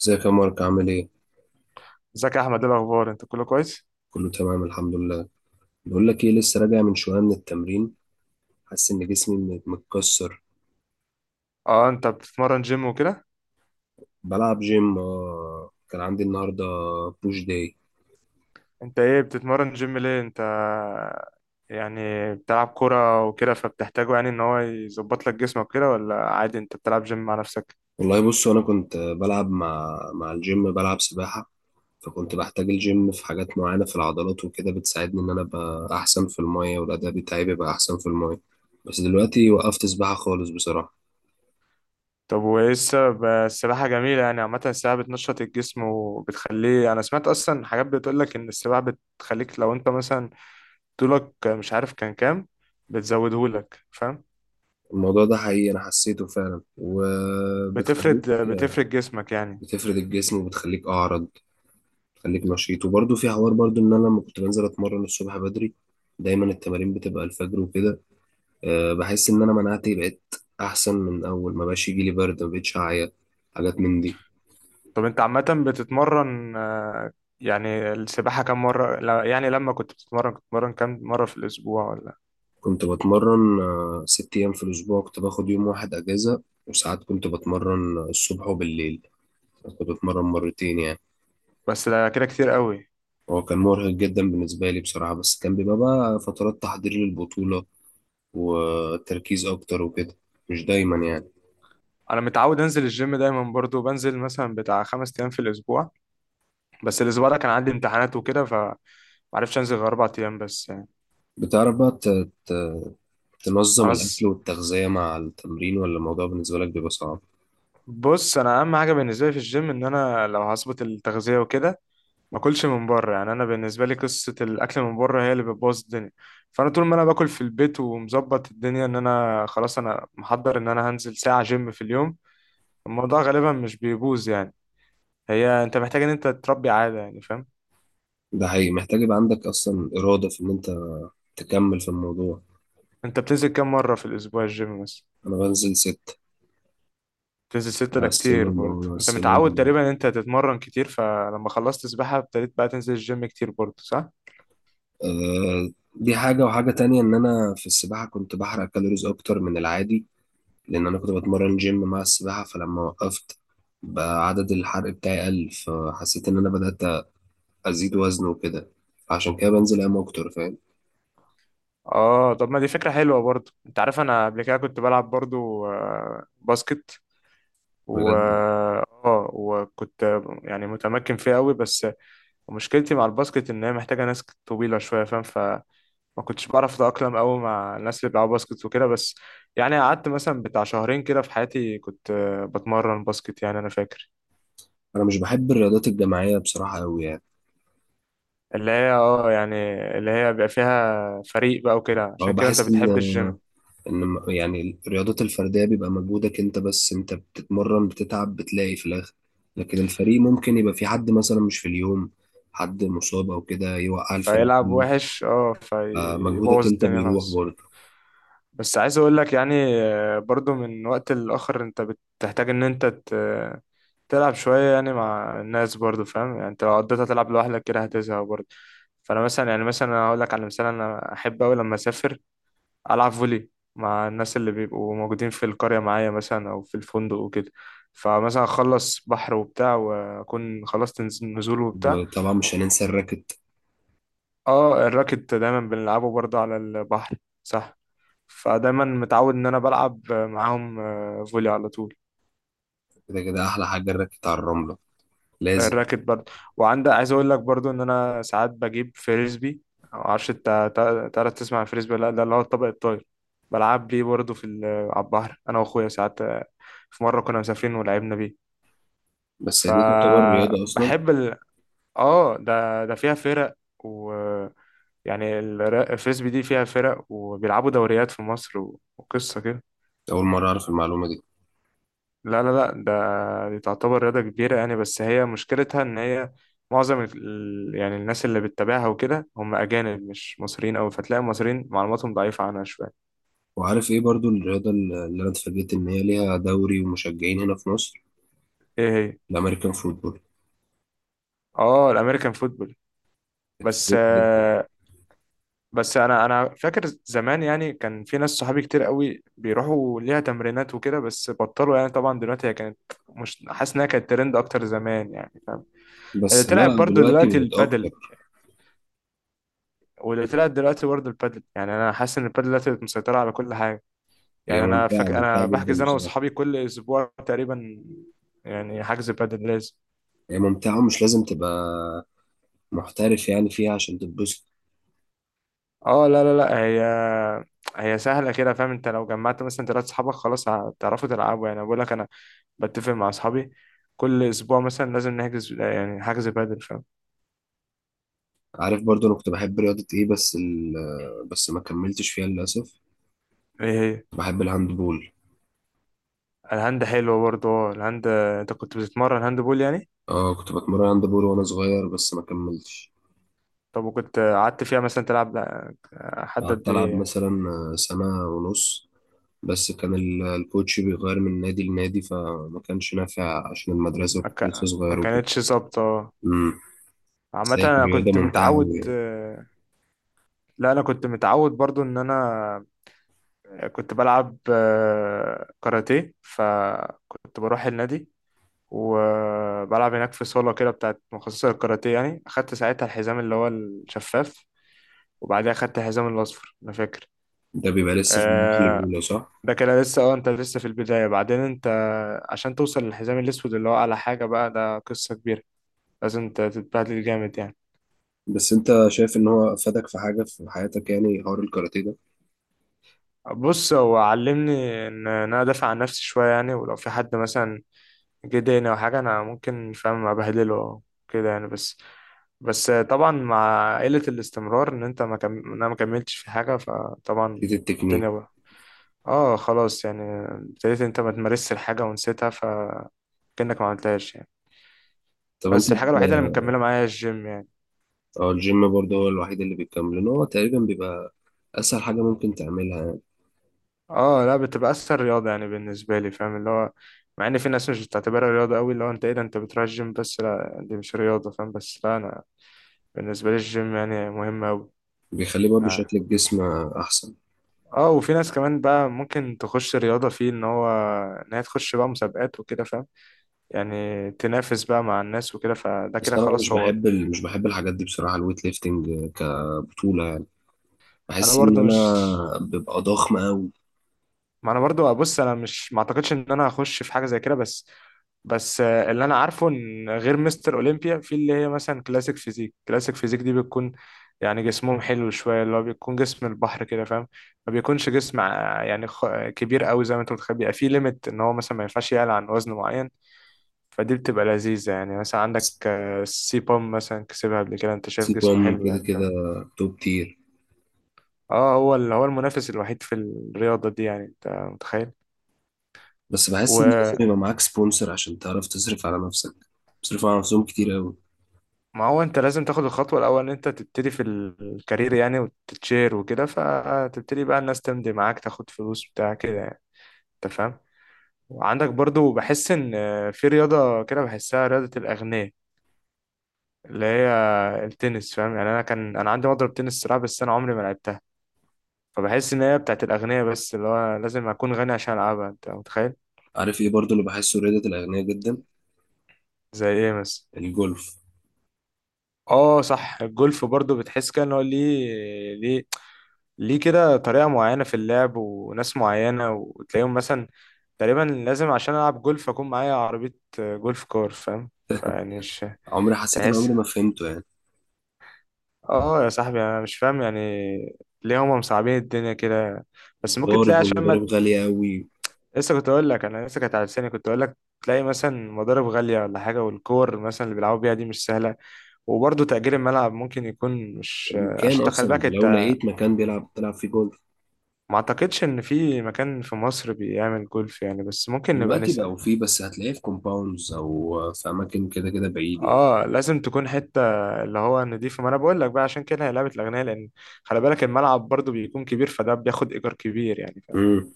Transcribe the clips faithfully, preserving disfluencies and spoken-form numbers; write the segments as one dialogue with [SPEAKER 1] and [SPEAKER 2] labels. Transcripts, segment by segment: [SPEAKER 1] ازيك يا مارك؟ عامل ايه؟
[SPEAKER 2] ازيك يا احمد، ايه الاخبار؟ انت كله كويس؟
[SPEAKER 1] كله تمام الحمد لله. بقول لك ايه، لسه راجع من شويه من التمرين. حاسس ان جسمي م- متكسر.
[SPEAKER 2] اه، انت بتتمرن جيم وكده؟
[SPEAKER 1] بلعب جيم، اه كان عندي النهارده بوش داي.
[SPEAKER 2] انت ايه بتتمرن جيم ليه انت يعني، بتلعب كرة وكده فبتحتاجه، يعني ان هو يظبط لك جسمك كده، ولا عادي انت بتلعب جيم مع نفسك؟
[SPEAKER 1] والله بص، انا كنت بلعب مع مع الجيم، بلعب سباحه، فكنت بحتاج الجيم في حاجات معينه في العضلات وكده، بتساعدني ان انا ابقى احسن في المايه، والاداء بتاعي بيبقى احسن في المايه. بس دلوقتي وقفت سباحه خالص بصراحه.
[SPEAKER 2] طب وايه السبب؟ السباحة جميلة يعني، عامة السباحة بتنشط الجسم وبتخليه. انا سمعت اصلا حاجات بتقول لك ان السباحة بتخليك لو انت مثلا طولك مش عارف كان كام، بتزودهولك، فاهم؟
[SPEAKER 1] الموضوع ده حقيقي، انا حسيته فعلا، وبتخليك
[SPEAKER 2] بتفرد بتفرد جسمك يعني.
[SPEAKER 1] بتفرد الجسم، وبتخليك اعرض، خليك نشيط. وبرده في حوار برده ان انا لما كنت بنزل اتمرن الصبح بدري، دايما التمارين بتبقى الفجر وكده، أه بحس ان انا مناعتي بقت احسن. من اول ما بقاش يجي لي برد، ما بقتش اعيا، حاجات من دي.
[SPEAKER 2] طب انت عامة بتتمرن، آه، يعني السباحة كم مرة، لا- يعني لما كنت بتتمرن كنت بتتمرن كم مرة في الأسبوع ولا؟
[SPEAKER 1] كنت بتمرن، آه، ست ايام في الاسبوع، كنت باخد يوم واحد اجازة، وساعات كنت بتمرن الصبح وبالليل، كنت بتمرن مرتين يعني.
[SPEAKER 2] بس ده كده كتير قوي.
[SPEAKER 1] هو كان مرهق جدا بالنسبة لي بصراحة، بس كان بيبقى بقى فترات تحضير للبطولة وتركيز اكتر وكده، مش دايما يعني.
[SPEAKER 2] أنا متعود أنزل الجيم دايما، برضو بنزل مثلا بتاع خمس أيام في الأسبوع. بس الأسبوع ده كان عندي امتحانات وكده، فمعرفتش أنزل غير أربع أيام بس يعني.
[SPEAKER 1] بتعرف بقى ت- ت- تنظم
[SPEAKER 2] أنا
[SPEAKER 1] الأكل
[SPEAKER 2] س-
[SPEAKER 1] والتغذية مع التمرين، ولا الموضوع بالنسبة لك بيبقى صعب؟
[SPEAKER 2] بص، أنا أهم حاجة بالنسبة لي في الجيم إن أنا لو هظبط التغذية وكده، ما اكلش من بره. يعني انا بالنسبه لي قصه الاكل من بره هي اللي بتبوظ الدنيا. فانا طول ما انا باكل في البيت ومظبط الدنيا ان انا خلاص، انا محضر ان انا هنزل ساعه جيم في اليوم، الموضوع غالبا مش بيبوظ يعني. هي انت محتاج ان انت تربي عاده، يعني فاهم؟
[SPEAKER 1] ده حقيقي، محتاج يبقى عندك أصلا إرادة في إن أنت تكمل في الموضوع.
[SPEAKER 2] انت بتنزل كام مره في الاسبوع الجيم مثلا؟
[SPEAKER 1] أنا بنزل ست.
[SPEAKER 2] بتنزل ستة؟
[SPEAKER 1] مع
[SPEAKER 2] ده كتير
[SPEAKER 1] السيمون،
[SPEAKER 2] برضه.
[SPEAKER 1] مع
[SPEAKER 2] انت متعود
[SPEAKER 1] السيمون،
[SPEAKER 2] تقريبا ان انت تتمرن كتير، فلما خلصت سباحه ابتديت بقى تنزل الجيم كتير برضه، صح؟
[SPEAKER 1] آه. دي حاجة، وحاجة تانية إن أنا في السباحة كنت بحرق كالوريز أكتر من العادي، لأن أنا كنت بتمرن جيم مع السباحة. فلما وقفت، بقى عدد الحرق بتاعي قل، فحسيت إن أنا بدأت أزيد وزن وكده، عشان كده بنزل أيام أكتر، فاهم.
[SPEAKER 2] اه، طب ما دي فكره حلوه برضه. انت عارف انا قبل كده كنت بلعب برضه آه، باسكت، و
[SPEAKER 1] بجد.
[SPEAKER 2] اه وكنت يعني متمكن فيه قوي، بس مشكلتي مع الباسكت ان هي محتاجه ناس طويله شويه، فاهم؟ فما كنتش بعرف اتاقلم قوي مع الناس اللي بيلعبوا باسكت وكده، بس يعني قعدت مثلا بتاع شهرين كده في حياتي، كنت آه، بتمرن باسكت يعني، انا فاكر.
[SPEAKER 1] أنا مش بحب الرياضات الجماعية بصراحة أوي يعني.
[SPEAKER 2] اللي هي اه يعني اللي هي بيبقى فيها فريق بقى وكده،
[SPEAKER 1] هو
[SPEAKER 2] عشان كده انت
[SPEAKER 1] بحس ان
[SPEAKER 2] بتحب الجيم.
[SPEAKER 1] ان م- يعني الرياضات الفرديه بيبقى مجهودك انت بس، انت بتتمرن، بتتعب، بتلاقي في الاخر. لكن الفريق ممكن يبقى في حد مثلا مش في اليوم، حد مصاب او كده، يوقع الفريق
[SPEAKER 2] فيلعب
[SPEAKER 1] كله،
[SPEAKER 2] وحش، اه
[SPEAKER 1] فمجهودك
[SPEAKER 2] فيبوظ
[SPEAKER 1] انت
[SPEAKER 2] الدنيا
[SPEAKER 1] بيروح
[SPEAKER 2] خالص.
[SPEAKER 1] برضه.
[SPEAKER 2] بس عايز اقول لك يعني، آه، برضو من وقت لآخر انت بتحتاج ان انت تلعب شوية يعني مع الناس برضو، فاهم؟ يعني انت لو قضيتها تلعب لوحدك كده هتزهق برضو. فأنا مثلا يعني مثلا، أنا هقول لك على مثال، أنا أحب أوي لما أسافر ألعب فولي مع الناس اللي بيبقوا موجودين في القرية معايا مثلا أو في الفندق وكده. فمثلا أخلص بحر وبتاع وأكون خلصت نز- نزول وبتاع.
[SPEAKER 1] وطبعا مش هننسى الراكت.
[SPEAKER 2] اه، الراكت دايما بنلعبه برضو على البحر، صح. فدايما متعود إن أنا بلعب معاهم آه، فولي على طول.
[SPEAKER 1] كده كده احلى حاجه الراكت على الرمله، لازم.
[SPEAKER 2] الراكت برضه. وعندك، عايز اقول لك برضه ان انا ساعات بجيب فريسبي، معرفش انت تع- تعرف تسمع الفريسبي ولا لا؟ ده اللي هو الطبق الطاير. بلعب بيه برضه في ال- على البحر، انا واخويا ساعات، آه، في مره كنا مسافرين ولعبنا بيه.
[SPEAKER 1] بس دي تعتبر رياضه اصلا؟
[SPEAKER 2] فبحب ال... اه، ده ده فيها فرق، و يعني الر- الفريسبي دي فيها فرق وبيلعبوا دوريات في مصر و- وقصه كده.
[SPEAKER 1] اول مره اعرف المعلومه دي.
[SPEAKER 2] لا، لا، لا، ده دي تعتبر رياضة كبيرة يعني، بس هي مشكلتها إن هي معظم ال... يعني الناس اللي بتتابعها وكده هم أجانب مش مصريين أوي، فتلاقي المصريين معلوماتهم ضعيفة عنها شوية.
[SPEAKER 1] وعارف ايه برضو الرياضه اللي انا اتفاجئت ان هي ليها دوري ومشجعين هنا في مصر؟
[SPEAKER 2] إيه هي؟
[SPEAKER 1] الامريكان فوتبول.
[SPEAKER 2] آه، الأمريكان فوتبول. بس
[SPEAKER 1] اتفاجئت جدا.
[SPEAKER 2] آه، بس أنا أنا فاكر زمان يعني، كان في ناس صحابي كتير أوي بيروحوا ليها تمرينات وكده بس بطلوا يعني، طبعا دلوقتي هي كانت، مش حاسس إنها كانت ترند أكتر زمان يعني، فاهم؟ اللي
[SPEAKER 1] بس
[SPEAKER 2] طلعت
[SPEAKER 1] لا،
[SPEAKER 2] برضو
[SPEAKER 1] دلوقتي
[SPEAKER 2] دلوقتي
[SPEAKER 1] بقت اكتر.
[SPEAKER 2] البادل واللي طلعت دلوقتي برضه البادل، يعني انا حاسس ان البادل دلوقتي بقت مسيطره على كل حاجه.
[SPEAKER 1] هي
[SPEAKER 2] يعني انا
[SPEAKER 1] ممتعه،
[SPEAKER 2] فاك...
[SPEAKER 1] ممتعه
[SPEAKER 2] انا بحجز
[SPEAKER 1] جدا
[SPEAKER 2] انا
[SPEAKER 1] بصراحه.
[SPEAKER 2] واصحابي كل اسبوع تقريبا، يعني حجز بادل لازم.
[SPEAKER 1] هي ممتعه، ومش لازم تبقى محترف يعني فيها عشان تتبسط.
[SPEAKER 2] اه، لا، لا، لا، هي هي سهله كده، فاهم؟ انت لو جمعت مثلا ثلاث اصحابك خلاص هتعرفوا تلعبوا يعني، بقول لك انا بتفق مع اصحابي كل اسبوع مثلا لازم نحجز، يعني حجز بادل، فاهم؟
[SPEAKER 1] عارف برضو انا كنت بحب رياضه ايه؟ بس ال... آه، بس ما كملتش فيها للاسف.
[SPEAKER 2] ايه هي؟
[SPEAKER 1] بحب الهاند بول.
[SPEAKER 2] الهاند حلو برضه. اه، الهاند، انت كنت بتتمرن هاند بول يعني؟
[SPEAKER 1] اه، كنت بتمرن هاند بول وانا صغير، بس ما كملتش
[SPEAKER 2] طب وكنت قعدت فيها مثلا تلعب حد
[SPEAKER 1] قعدت
[SPEAKER 2] قد
[SPEAKER 1] العب
[SPEAKER 2] ايه يعني؟
[SPEAKER 1] مثلا سنه ونص، بس كان ال- الكوتش بيغير من نادي لنادي، فما كانش نافع عشان المدرسه،
[SPEAKER 2] ما
[SPEAKER 1] وكنت لسه
[SPEAKER 2] كا- ما
[SPEAKER 1] صغير وكده.
[SPEAKER 2] كانتش ظابطه.
[SPEAKER 1] امم. بس
[SPEAKER 2] عامه
[SPEAKER 1] هي كانت
[SPEAKER 2] انا
[SPEAKER 1] رياضه
[SPEAKER 2] كنت
[SPEAKER 1] ممتعه أوي
[SPEAKER 2] متعود،
[SPEAKER 1] يعني.
[SPEAKER 2] آه، لا، انا كنت متعود برضو ان انا كنت بلعب آه، كاراتيه، فكنت بروح النادي وبلعب هناك في صاله كده بتاعت مخصصه للكاراتيه يعني، اخدت ساعتها الحزام اللي هو الشفاف وبعدها اخدت الحزام الاصفر، انا فاكر.
[SPEAKER 1] ده بيبقى لسه في المرحله
[SPEAKER 2] آه،
[SPEAKER 1] الاولى، صح؟
[SPEAKER 2] ده كده لسه. اه انت لسه في البدايه، بعدين انت عشان توصل للحزام الاسود اللي هو اعلى حاجه بقى، ده قصه كبيره، لازم تتبهدل جامد يعني.
[SPEAKER 1] بس انت شايف ان هو افادك في حاجه في حياتك، يعني حوار الكاراتيه ده؟
[SPEAKER 2] بص، هو علمني ان انا ادافع عن نفسي شويه يعني، ولو في حد مثلا جه ضايقني او حاجه انا ممكن فاهم ابهدله أو كده يعني، بس بس طبعا مع قله الاستمرار ان انت ما كم... إن انا ما كملتش في حاجه، فطبعا
[SPEAKER 1] في التكنيك.
[SPEAKER 2] الدنيا بقى. اه، خلاص يعني ابتديت انت ما تمارسش الحاجه ونسيتها، فكأنك ما عملتهاش يعني.
[SPEAKER 1] طب انت
[SPEAKER 2] بس الحاجه الوحيده اللي
[SPEAKER 1] ب-
[SPEAKER 2] مكمله معايا الجيم يعني.
[SPEAKER 1] اه، الجيم برضه هو الوحيد اللي بيكمل، لان هو تقريبا بيبقى اسهل حاجه ممكن تعملها يعني.
[SPEAKER 2] اه، لا، بتبقى اسهل رياضه يعني بالنسبه لي، فاهم؟ اللي هو مع ان في ناس مش بتعتبرها رياضه قوي، اللي هو انت ايه ده انت بتروح الجيم، بس لا دي مش رياضه، فاهم؟ بس لا، انا بالنسبه لي الجيم يعني مهم قوي.
[SPEAKER 1] بيخليه برضه
[SPEAKER 2] اه.
[SPEAKER 1] شكل الجسم احسن.
[SPEAKER 2] آه، وفي ناس كمان بقى ممكن تخش رياضه فيه ان هو ان هي تخش بقى مسابقات وكده، فاهم؟ يعني تنافس بقى مع الناس وكده، فده
[SPEAKER 1] بس
[SPEAKER 2] كده
[SPEAKER 1] انا
[SPEAKER 2] خلاص
[SPEAKER 1] مش
[SPEAKER 2] هو.
[SPEAKER 1] بحب ال... مش بحب الحاجات دي بصراحه، الويت ليفتنج كبطوله يعني،
[SPEAKER 2] انا
[SPEAKER 1] بحس ان
[SPEAKER 2] برضو
[SPEAKER 1] انا
[SPEAKER 2] مش
[SPEAKER 1] ببقى ضخم قوي.
[SPEAKER 2] ما انا برضو بص، انا مش ما اعتقدش ان انا هخش في حاجه زي كده، بس بس آه، اللي انا عارفه ان غير مستر اولمبيا، في اللي هي مثلا كلاسيك فيزيك كلاسيك فيزيك دي بتكون يعني جسمهم حلو شويه، اللي هو بيكون جسم البحر كده، فاهم؟ ما بيكونش جسم آه، يعني خ- كبير قوي زي ما انت متخيل، بيبقى فيه ليميت ان هو مثلا ما ينفعش يعلى عن وزن معين. فدي بتبقى لذيذه يعني، مثلا عندك آه، السي بام مثلا كسبها قبل كده، انت شايف جسمه
[SPEAKER 1] سيبهم
[SPEAKER 2] حلو
[SPEAKER 1] كده
[SPEAKER 2] يعني، فاهم؟
[SPEAKER 1] كده، توب تير.
[SPEAKER 2] اه، هو اللي هو المنافس الوحيد في الرياضه دي يعني، انت متخيل.
[SPEAKER 1] بس بحس ان لازم يبقى معاك سبونسر عشان تعرف تصرف على نفسك، بيصرفوا على نفسهم كتير قوي.
[SPEAKER 2] ما هو انت لازم تاخد الخطوة الأول ان انت تبتدي في الكارير يعني وتتشير وكده، فتبتدي بقى الناس تمضي معاك تاخد فلوس بتاع كده يعني، انت فاهم؟ وعندك برضو بحس ان في رياضة كده بحسها رياضة الأغنياء، اللي هي التنس، فاهم؟ يعني انا، كان انا عندي مضرب تنس صراحة، بس انا عمري ما لعبتها. فبحس ان هي بتاعت الأغنياء، بس اللي هو لازم اكون غني عشان العبها، انت متخيل.
[SPEAKER 1] عارف ايه برضه اللي بحسه رياضه الاغنياء جدا؟
[SPEAKER 2] زي ايه مثلا؟
[SPEAKER 1] الجولف.
[SPEAKER 2] اه، صح، الجولف برضو بتحس كده ان هو ليه ليه ليه كده، طريقة معينة في اللعب وناس معينة، وتلاقيهم مثلا تقريبا لازم عشان ألعب جولف أكون معايا عربية، آه، جولف كار، فاهم؟ فيعني مش
[SPEAKER 1] عمري حسيت، ان
[SPEAKER 2] تحس.
[SPEAKER 1] عمري ما فهمته يعني.
[SPEAKER 2] اه يا صاحبي، أنا مش فاهم يعني، ليه هما مصعبين الدنيا كده؟ بس ممكن تلاقي
[SPEAKER 1] المضارب
[SPEAKER 2] عشان
[SPEAKER 1] والمضارب
[SPEAKER 2] ما،
[SPEAKER 1] غالية قوي،
[SPEAKER 2] لسه كنت أقول لك، أنا لسه كانت على لساني كنت أقول لك، تلاقي مثلا مضارب غالية ولا حاجة، والكور مثلا اللي بيلعبوا بيها دي مش سهلة، وبرضه تأجير الملعب ممكن يكون مش،
[SPEAKER 1] المكان
[SPEAKER 2] عشان تخلي
[SPEAKER 1] اصلا،
[SPEAKER 2] بالك.
[SPEAKER 1] لو لقيت مكان بيلعب تلعب فيه جولف.
[SPEAKER 2] ما اعتقدش ان في مكان في مصر بيعمل جولف يعني، بس ممكن نبقى
[SPEAKER 1] دلوقتي
[SPEAKER 2] نسأل.
[SPEAKER 1] بقوا فيه، بس هتلاقيه في كومباوندز او في اماكن كده كده بعيد يعني.
[SPEAKER 2] اه لازم تكون حتة اللي هو نضيفة، ما انا بقول لك بقى عشان كده هي لعبة الاغنياء، لان خلي بالك الملعب برضو بيكون كبير، فده بياخد ايجار كبير يعني، فاهم؟
[SPEAKER 1] امم.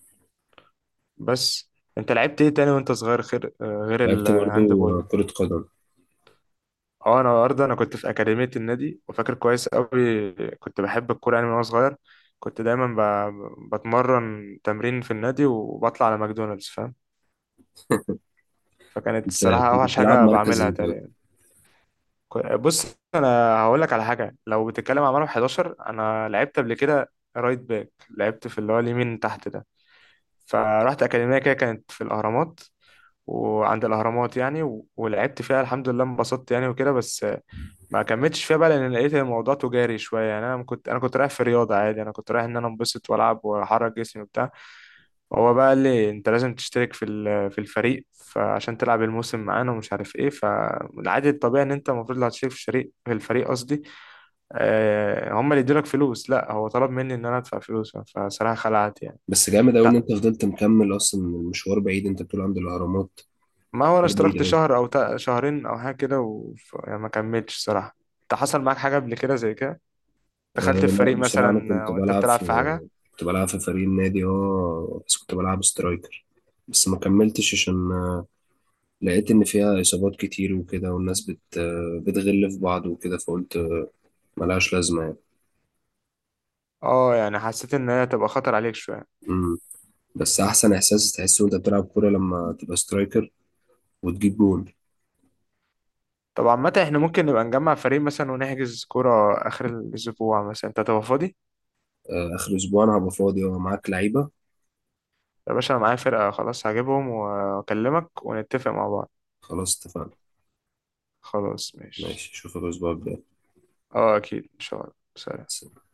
[SPEAKER 2] بس انت لعبت ايه تاني وانت صغير غير غير
[SPEAKER 1] لعبت
[SPEAKER 2] الهاند
[SPEAKER 1] برضو
[SPEAKER 2] بول؟
[SPEAKER 1] كرة قدم.
[SPEAKER 2] اه، انا برضه انا كنت في اكاديمية النادي وفاكر كويس قوي، كنت بحب الكورة يعني من وانا صغير، كنت دايما ب... بتمرن تمرين في النادي وبطلع على ماكدونالدز، فاهم؟ فكانت
[SPEAKER 1] انت
[SPEAKER 2] الصراحة
[SPEAKER 1] كنت
[SPEAKER 2] اوحش
[SPEAKER 1] بتلعب
[SPEAKER 2] حاجة
[SPEAKER 1] مركز
[SPEAKER 2] بعملها
[SPEAKER 1] ايه ده؟
[SPEAKER 2] تاني. كو- بص، انا هقول لك على حاجه، لو بتتكلم على مرمى احد عشر، انا لعبت قبل كده رايت باك، لعبت في اللي هو اليمين تحت ده. فرحت اكاديميه كده كانت في الاهرامات، وعند الاهرامات يعني، و- ولعبت فيها الحمد لله، انبسطت يعني وكده، بس ما كملتش فيها بقى لان لقيت الموضوع تجاري شويه يعني، انا كنت انا كنت رايح في رياضه عادي، انا كنت رايح ان انا انبسط والعب واحرك جسمي وبتاع. هو بقى قال لي انت لازم تشترك في ال- في الفريق فعشان تلعب الموسم معانا ومش عارف ايه، فالعادي الطبيعي ان انت المفروض لو هتشترك في الشريك في الفريق قصدي، آه، هم اللي يدولك فلوس. لا هو طلب مني ان انا ادفع فلوس، فصراحة خلعت يعني.
[SPEAKER 1] بس جامد قوي ان
[SPEAKER 2] لا
[SPEAKER 1] انت فضلت مكمل، اصلا المشوار بعيد، انت بتقول عند الاهرامات،
[SPEAKER 2] ما هو انا
[SPEAKER 1] مشوار بعيد
[SPEAKER 2] اشتركت
[SPEAKER 1] قوي.
[SPEAKER 2] شهر او تا- شهرين او حاجة كده، وما كملتش صراحة. انت حصل معاك حاجة قبل كده زي كده؟
[SPEAKER 1] أه
[SPEAKER 2] دخلت في
[SPEAKER 1] لا،
[SPEAKER 2] فريق
[SPEAKER 1] بصراحة انا
[SPEAKER 2] مثلا
[SPEAKER 1] كنت
[SPEAKER 2] آه، وانت
[SPEAKER 1] بلعب
[SPEAKER 2] بتلعب
[SPEAKER 1] في
[SPEAKER 2] في حاجة؟
[SPEAKER 1] كنت بلعب في فريق النادي، اه بس كنت بلعب سترايكر. بس ما كملتش عشان لقيت إن فيها إصابات كتير وكده، والناس بت بتغل في بعض وكده، فقلت ملهاش لازمة يعني.
[SPEAKER 2] اه، يعني حسيت ان هي تبقى خطر عليك شوية.
[SPEAKER 1] مم. بس أحسن إحساس تحسه وأنت بتلعب كورة، لما تبقى سترايكر وتجيب جول.
[SPEAKER 2] طب عامة احنا ممكن نبقى نجمع فريق مثلا ونحجز كورة آخر الأسبوع، مثلا أنت هتبقى فاضي؟
[SPEAKER 1] آه، آخر أسبوع أنا هبقى فاضي ومعاك لعيبة.
[SPEAKER 2] يا باشا أنا معايا فرقة، خلاص هجيبهم وأكلمك ونتفق مع بعض.
[SPEAKER 1] خلاص اتفقنا.
[SPEAKER 2] خلاص ماشي.
[SPEAKER 1] ماشي، أشوفك الأسبوع
[SPEAKER 2] اه أكيد إن شاء الله. سلام.
[SPEAKER 1] الجاي.